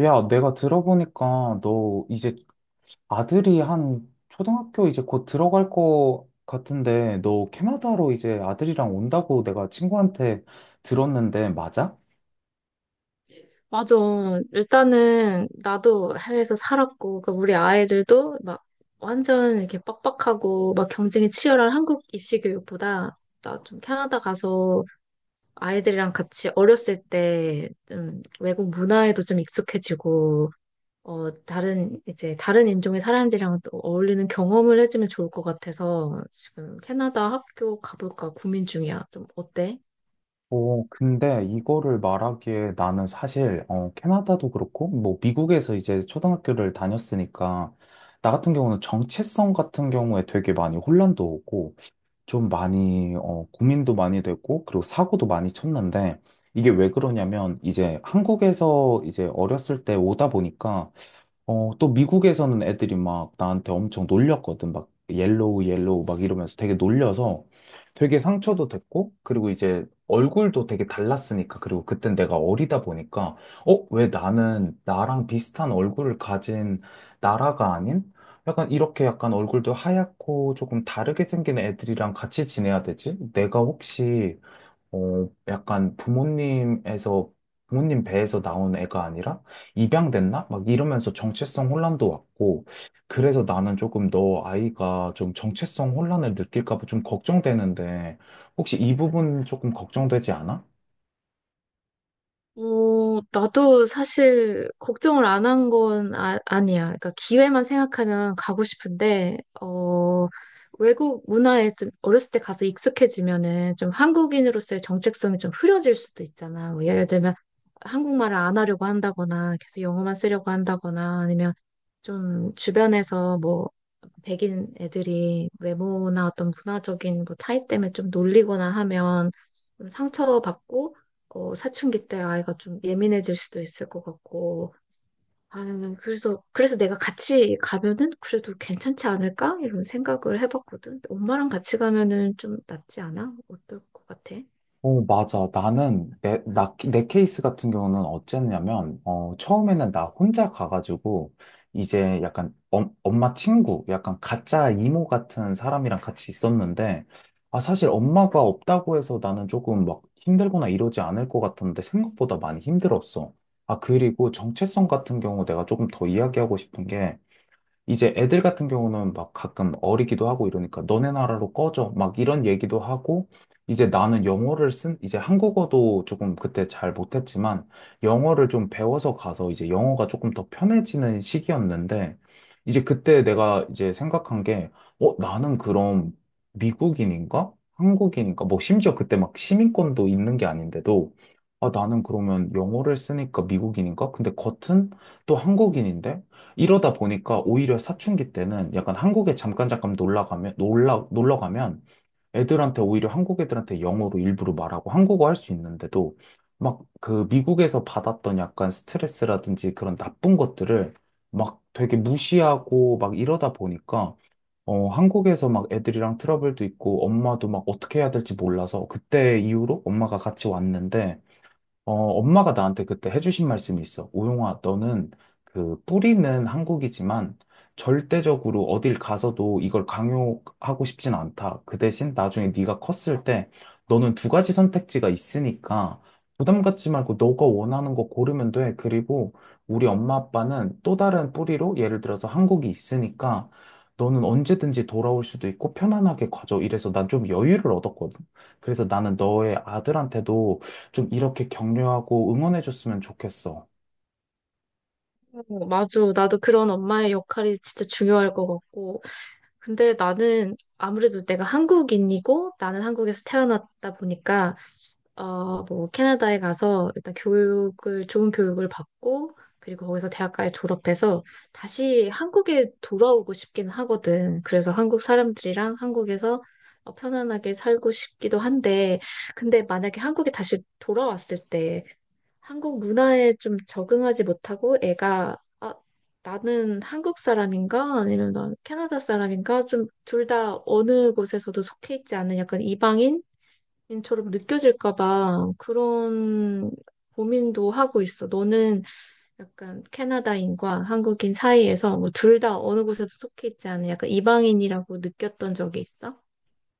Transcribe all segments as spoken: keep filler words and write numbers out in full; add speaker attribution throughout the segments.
Speaker 1: 야, 내가 들어보니까 너 이제 아들이 한 초등학교 이제 곧 들어갈 거 같은데 너 캐나다로 이제 아들이랑 온다고 내가 친구한테 들었는데 맞아?
Speaker 2: 맞아. 일단은 나도 해외에서 살았고, 그 우리 아이들도 막 완전 이렇게 빡빡하고 막 경쟁이 치열한 한국 입시 교육보다 나 좀 캐나다 가서 아이들이랑 같이 어렸을 때 좀 외국 문화에도 좀 익숙해지고, 어, 다른 이제 다른 인종의 사람들이랑 또 어울리는 경험을 해주면 좋을 것 같아서 지금 캐나다 학교 가볼까 고민 중이야. 좀 어때?
Speaker 1: 어, 근데 이거를 말하기에 나는 사실 어, 캐나다도 그렇고 뭐 미국에서 이제 초등학교를 다녔으니까 나 같은 경우는 정체성 같은 경우에 되게 많이 혼란도 오고 좀 많이, 어, 고민도 많이 됐고, 그리고 사고도 많이 쳤는데, 이게 왜 그러냐면, 이제 한국에서 이제 어렸을 때 오다 보니까, 어, 또 미국에서는 애들이 막 나한테 엄청 놀렸거든. 막 옐로우, 옐로우 막 이러면서 되게 놀려서 되게 상처도 됐고, 그리고 이제 얼굴도 되게 달랐으니까, 그리고 그땐 내가 어리다 보니까, 어, 왜 나는 나랑 비슷한 얼굴을 가진 나라가 아닌? 약간 이렇게 약간 얼굴도 하얗고 조금 다르게 생긴 애들이랑 같이 지내야 되지? 내가 혹시 어, 약간 부모님에서, 부모님 배에서 나온 애가 아니라 입양됐나? 막 이러면서 정체성 혼란도 왔고, 그래서 나는 조금 너 아이가 좀 정체성 혼란을 느낄까 봐 좀 걱정되는데, 혹시 이 부분 조금 걱정되지 않아?
Speaker 2: 어, 나도 사실 걱정을 안 한 건 아, 아니야. 그러니까 기회만 생각하면 가고 싶은데, 어, 외국 문화에 좀 어렸을 때 가서 익숙해지면은 좀 한국인으로서의 정체성이 좀 흐려질 수도 있잖아. 뭐 예를 들면 한국말을 안 하려고 한다거나 계속 영어만 쓰려고 한다거나 아니면 좀 주변에서 뭐 백인 애들이 외모나 어떤 문화적인 뭐 차이 때문에 좀 놀리거나 하면 좀 상처받고 어, 사춘기 때 아이가 좀 예민해질 수도 있을 것 같고, 아, 그래서, 그래서 내가 같이 가면은 그래도 괜찮지 않을까? 이런 생각을 해봤거든. 엄마랑 같이 가면은 좀 낫지 않아? 어떨 것 같아?
Speaker 1: 어, 맞아. 나는, 내, 나, 내 케이스 같은 경우는 어쨌냐면, 어, 처음에는 나 혼자 가가지고, 이제 약간 엄, 엄마 친구, 약간 가짜 이모 같은 사람이랑 같이 있었는데, 아, 사실 엄마가 없다고 해서 나는 조금 막 힘들거나 이러지 않을 것 같았는데, 생각보다 많이 힘들었어. 아, 그리고 정체성 같은 경우 내가 조금 더 이야기하고 싶은 게, 이제 애들 같은 경우는 막 가끔 어리기도 하고 이러니까 너네 나라로 꺼져 막 이런 얘기도 하고 이제 나는 영어를 쓴 이제 한국어도 조금 그때 잘 못했지만 영어를 좀 배워서 가서 이제 영어가 조금 더 편해지는 시기였는데 이제 그때 내가 이제 생각한 게 어, 나는 그럼 미국인인가? 한국인인가? 뭐 심지어 그때 막 시민권도 있는 게 아닌데도 아, 나는 그러면 영어를 쓰니까 미국인인가? 근데 겉은 또 한국인인데? 이러다 보니까 오히려 사춘기 때는 약간 한국에 잠깐 잠깐 놀러 가면, 놀러, 놀러 가면 애들한테 오히려 한국 애들한테 영어로 일부러 말하고 한국어 할 수 있는데도 막 그 미국에서 받았던 약간 스트레스라든지 그런 나쁜 것들을 막 되게 무시하고 막 이러다 보니까 어, 한국에서 막 애들이랑 트러블도 있고 엄마도 막 어떻게 해야 될지 몰라서 그때 이후로 엄마가 같이 왔는데 어, 엄마가 나한테 그때 해주신 말씀이 있어. 우용아, 너는 그 뿌리는 한국이지만 절대적으로 어딜 가서도 이걸 강요하고 싶진 않다. 그 대신 나중에 네가 컸을 때 너는 두 가지 선택지가 있으니까 부담 갖지 말고 너가 원하는 거 고르면 돼. 그리고 우리 엄마 아빠는 또 다른 뿌리로 예를 들어서 한국이 있으니까 너는 언제든지 돌아올 수도 있고 편안하게 가져. 이래서 난 좀 여유를 얻었거든. 그래서 나는 너의 아들한테도 좀 이렇게 격려하고 응원해줬으면 좋겠어.
Speaker 2: 어, 맞아. 나도 그런 엄마의 역할이 진짜 중요할 것 같고. 근데 나는 아무래도 내가 한국인이고, 나는 한국에서 태어났다 보니까, 어, 뭐 캐나다에 가서 일단 교육을 좋은 교육을 받고 그리고 거기서 대학까지 졸업해서 다시 한국에 돌아오고 싶긴 하거든. 그래서 한국 사람들이랑 한국에서 어, 편안하게 살고 싶기도 한데 근데 만약에 한국에 다시 돌아왔을 때 한국 문화에 좀 적응하지 못하고 애가 아, 나는 한국 사람인가? 아니면 난 캐나다 사람인가? 좀 둘 다 어느 곳에서도 속해 있지 않은 약간 이방인? 인처럼 느껴질까봐 그런 고민도 하고 있어. 너는 약간 캐나다인과 한국인 사이에서 뭐 둘 다 어느 곳에도 속해 있지 않은 약간 이방인이라고 느꼈던 적이 있어?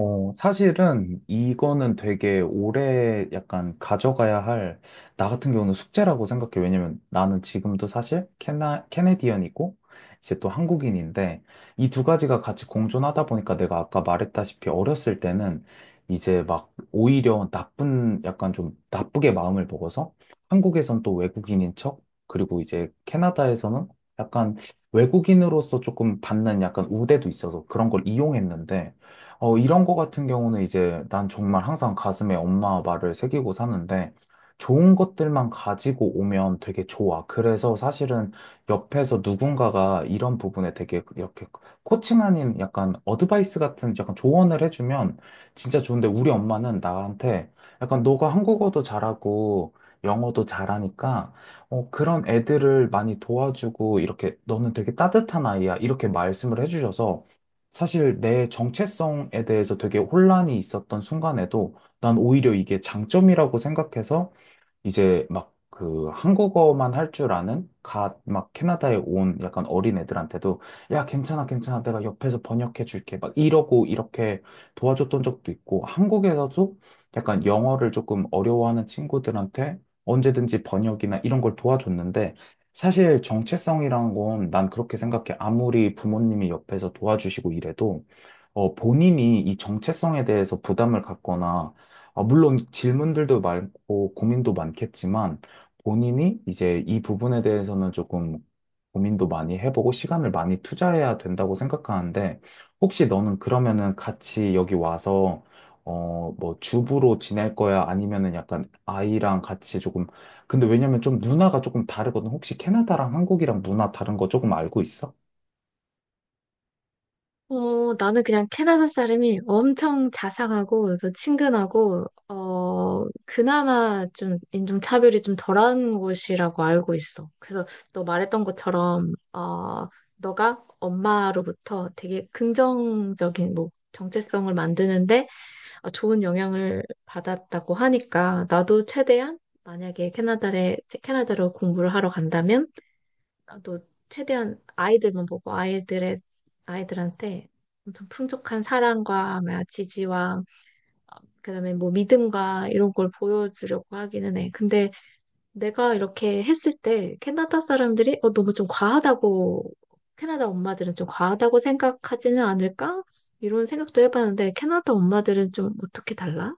Speaker 1: 어, 사실은 이거는 되게 오래 약간 가져가야 할, 나 같은 경우는 숙제라고 생각해. 왜냐면 나는 지금도 사실 캐나, 캐네디언이고, 이제 또 한국인인데, 이 두 가지가 같이 공존하다 보니까 내가 아까 말했다시피 어렸을 때는 이제 막 오히려 나쁜, 약간 좀 나쁘게 마음을 먹어서 한국에선 또 외국인인 척, 그리고 이제 캐나다에서는 약간 외국인으로서 조금 받는 약간 우대도 있어서 그런 걸 이용했는데, 어, 이런 거 같은 경우는 이제 난 정말 항상 가슴에 엄마 말을 새기고 사는데 좋은 것들만 가지고 오면 되게 좋아. 그래서 사실은 옆에서 누군가가 이런 부분에 되게 이렇게 코칭 아닌 약간 어드바이스 같은 약간 조언을 해주면 진짜 좋은데 우리 엄마는 나한테 약간 너가 한국어도 잘하고 영어도 잘하니까 어, 그런 애들을 많이 도와주고 이렇게 너는 되게 따뜻한 아이야. 이렇게 말씀을 해주셔서 사실 내 정체성에 대해서 되게 혼란이 있었던 순간에도 난 오히려 이게 장점이라고 생각해서 이제 막 그 한국어만 할 줄 아는 갓 막 캐나다에 온 약간 어린 애들한테도 야, 괜찮아, 괜찮아. 내가 옆에서 번역해 줄게. 막 이러고 이렇게 도와줬던 적도 있고 한국에서도 약간 영어를 조금 어려워하는 친구들한테 언제든지 번역이나 이런 걸 도와줬는데 사실 정체성이란 건 난 그렇게 생각해. 아무리 부모님이 옆에서 도와주시고 이래도 어, 본인이 이 정체성에 대해서 부담을 갖거나 아, 물론 질문들도 많고 고민도 많겠지만 본인이 이제 이 부분에 대해서는 조금 고민도 많이 해보고 시간을 많이 투자해야 된다고 생각하는데 혹시 너는 그러면은 같이 여기 와서 어, 뭐 주부로 지낼 거야? 아니면은 약간 아이랑 같이 조금 근데 왜냐면 좀 문화가 조금 다르거든. 혹시 캐나다랑 한국이랑 문화 다른 거 조금 알고 있어?
Speaker 2: 어, 나는 그냥 캐나다 사람이 엄청 자상하고, 그래서 친근하고, 어, 그나마 좀 인종차별이 좀 덜한 곳이라고 알고 있어. 그래서 너 말했던 것처럼, 어, 너가 엄마로부터 되게 긍정적인, 뭐, 정체성을 만드는데 어, 좋은 영향을 받았다고 하니까, 나도 최대한 만약에 캐나다에, 캐나다로 공부를 하러 간다면, 나도 최대한 아이들만 보고 아이들의 아이들한테 엄청 풍족한 사랑과 뭐야, 지지와 그다음에 뭐 믿음과 이런 걸 보여주려고 하기는 해. 근데 내가 이렇게 했을 때 캐나다 사람들이 어 너무 좀 과하다고 캐나다 엄마들은 좀 과하다고 생각하지는 않을까? 이런 생각도 해봤는데 캐나다 엄마들은 좀 어떻게 달라?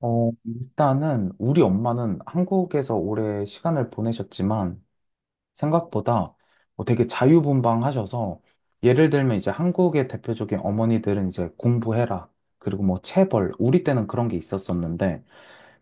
Speaker 1: 어, 일단은 우리 엄마는 한국에서 오래 시간을 보내셨지만 생각보다 뭐 되게 자유분방하셔서 예를 들면 이제 한국의 대표적인 어머니들은 이제 공부해라. 그리고 뭐 체벌. 우리 때는 그런 게 있었었는데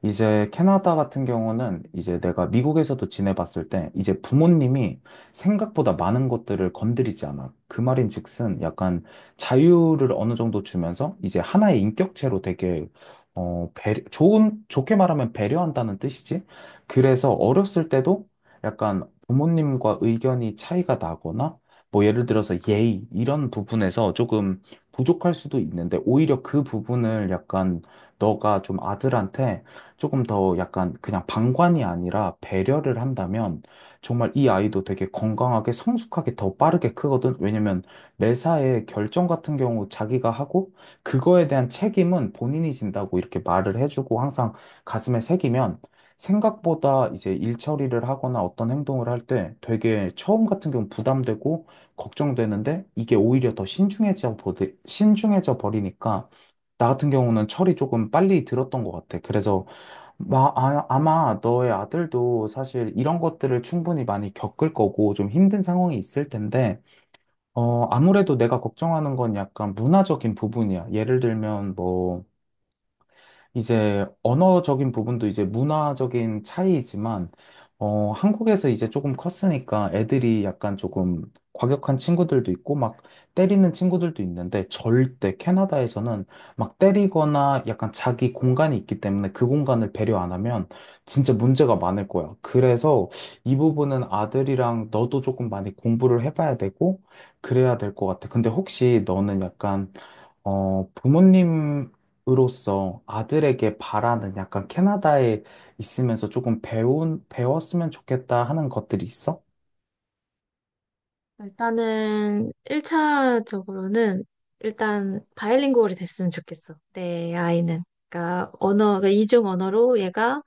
Speaker 1: 이제 캐나다 같은 경우는 이제 내가 미국에서도 지내봤을 때 이제 부모님이 생각보다 많은 것들을 건드리지 않아. 그 말인즉슨 약간 자유를 어느 정도 주면서 이제 하나의 인격체로 되게 어, 배 좋은, 좋게 말하면 배려한다는 뜻이지. 그래서 어렸을 때도 약간 부모님과 의견이 차이가 나거나 뭐 예를 들어서 예의 이런 부분에서 조금 부족할 수도 있는데 오히려 그 부분을 약간 너가 좀 아들한테 조금 더 약간 그냥 방관이 아니라 배려를 한다면 정말 이 아이도 되게 건강하게 성숙하게 더 빠르게 크거든. 왜냐면 매사에 결정 같은 경우 자기가 하고 그거에 대한 책임은 본인이 진다고 이렇게 말을 해주고 항상 가슴에 새기면 생각보다 이제 일 처리를 하거나 어떤 행동을 할 때 되게 처음 같은 경우 부담되고 걱정되는데 이게 오히려 더 신중해져 버리, 신중해져 버리니까 나 같은 경우는 철이 조금 빨리 들었던 것 같아. 그래서 마, 아, 아마 너의 아들도 사실 이런 것들을 충분히 많이 겪을 거고 좀 힘든 상황이 있을 텐데, 어, 아무래도 내가 걱정하는 건 약간 문화적인 부분이야. 예를 들면 뭐, 이제 언어적인 부분도 이제 문화적인 차이이지만, 어, 한국에서 이제 조금 컸으니까 애들이 약간 조금 과격한 친구들도 있고, 막 때리는 친구들도 있는데, 절대 캐나다에서는 막 때리거나 약간 자기 공간이 있기 때문에 그 공간을 배려 안 하면 진짜 문제가 많을 거야. 그래서 이 부분은 아들이랑 너도 조금 많이 공부를 해봐야 되고, 그래야 될 것 같아. 근데 혹시 너는 약간 어, 부모님으로서 아들에게 바라는 약간 캐나다에 있으면서 조금 배운, 배웠으면 좋겠다 하는 것들이 있어?
Speaker 2: 일단은 일 차적으로는 일단 바이링구얼이 됐으면 좋겠어. 내 아이는. 그러니까 언어, 그 이중 언어로 얘가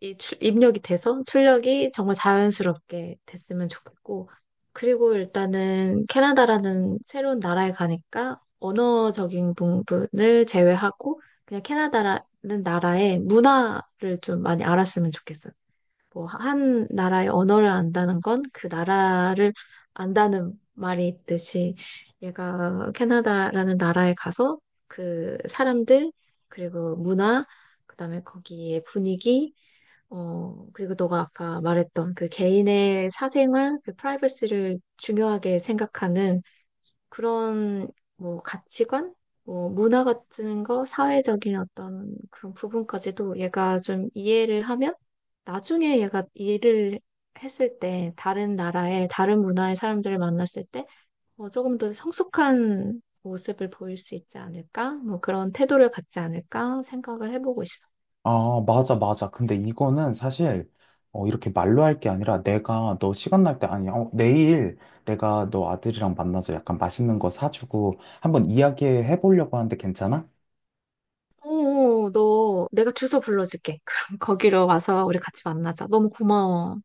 Speaker 2: 이 출, 입력이 돼서 출력이 정말 자연스럽게 됐으면 좋겠고. 그리고 일단은 캐나다라는 새로운 나라에 가니까 언어적인 부분을 제외하고 그냥 캐나다라는 나라의 문화를 좀 많이 알았으면 좋겠어. 뭐, 한 나라의 언어를 안다는 건 그 나라를 안다는 말이 있듯이 얘가 캐나다라는 나라에 가서 그 사람들, 그리고 문화, 그다음에 거기에 분위기, 어, 그리고 너가 아까 말했던 그 개인의 사생활, 그 프라이버시를 중요하게 생각하는 그런 뭐 가치관, 뭐 문화 같은 거, 사회적인 어떤 그런 부분까지도 얘가 좀 이해를 하면 나중에 얘가 일을 했을 때 다른 나라의 다른 문화의 사람들을 만났을 때 뭐 조금 더 성숙한 모습을 보일 수 있지 않을까? 뭐 그런 태도를 갖지 않을까 생각을 해보고 있어.
Speaker 1: 아, 맞아, 맞아. 근데 이거는 사실, 어, 이렇게 말로 할 게 아니라 내가 너 시간 날 때, 아니, 어, 내일 내가 너 아들이랑 만나서 약간 맛있는 거 사주고 한번 이야기해 보려고 하는데 괜찮아?
Speaker 2: 오, 너 내가 주소 불러줄게. 그럼 거기로 와서 우리 같이 만나자. 너무 고마워.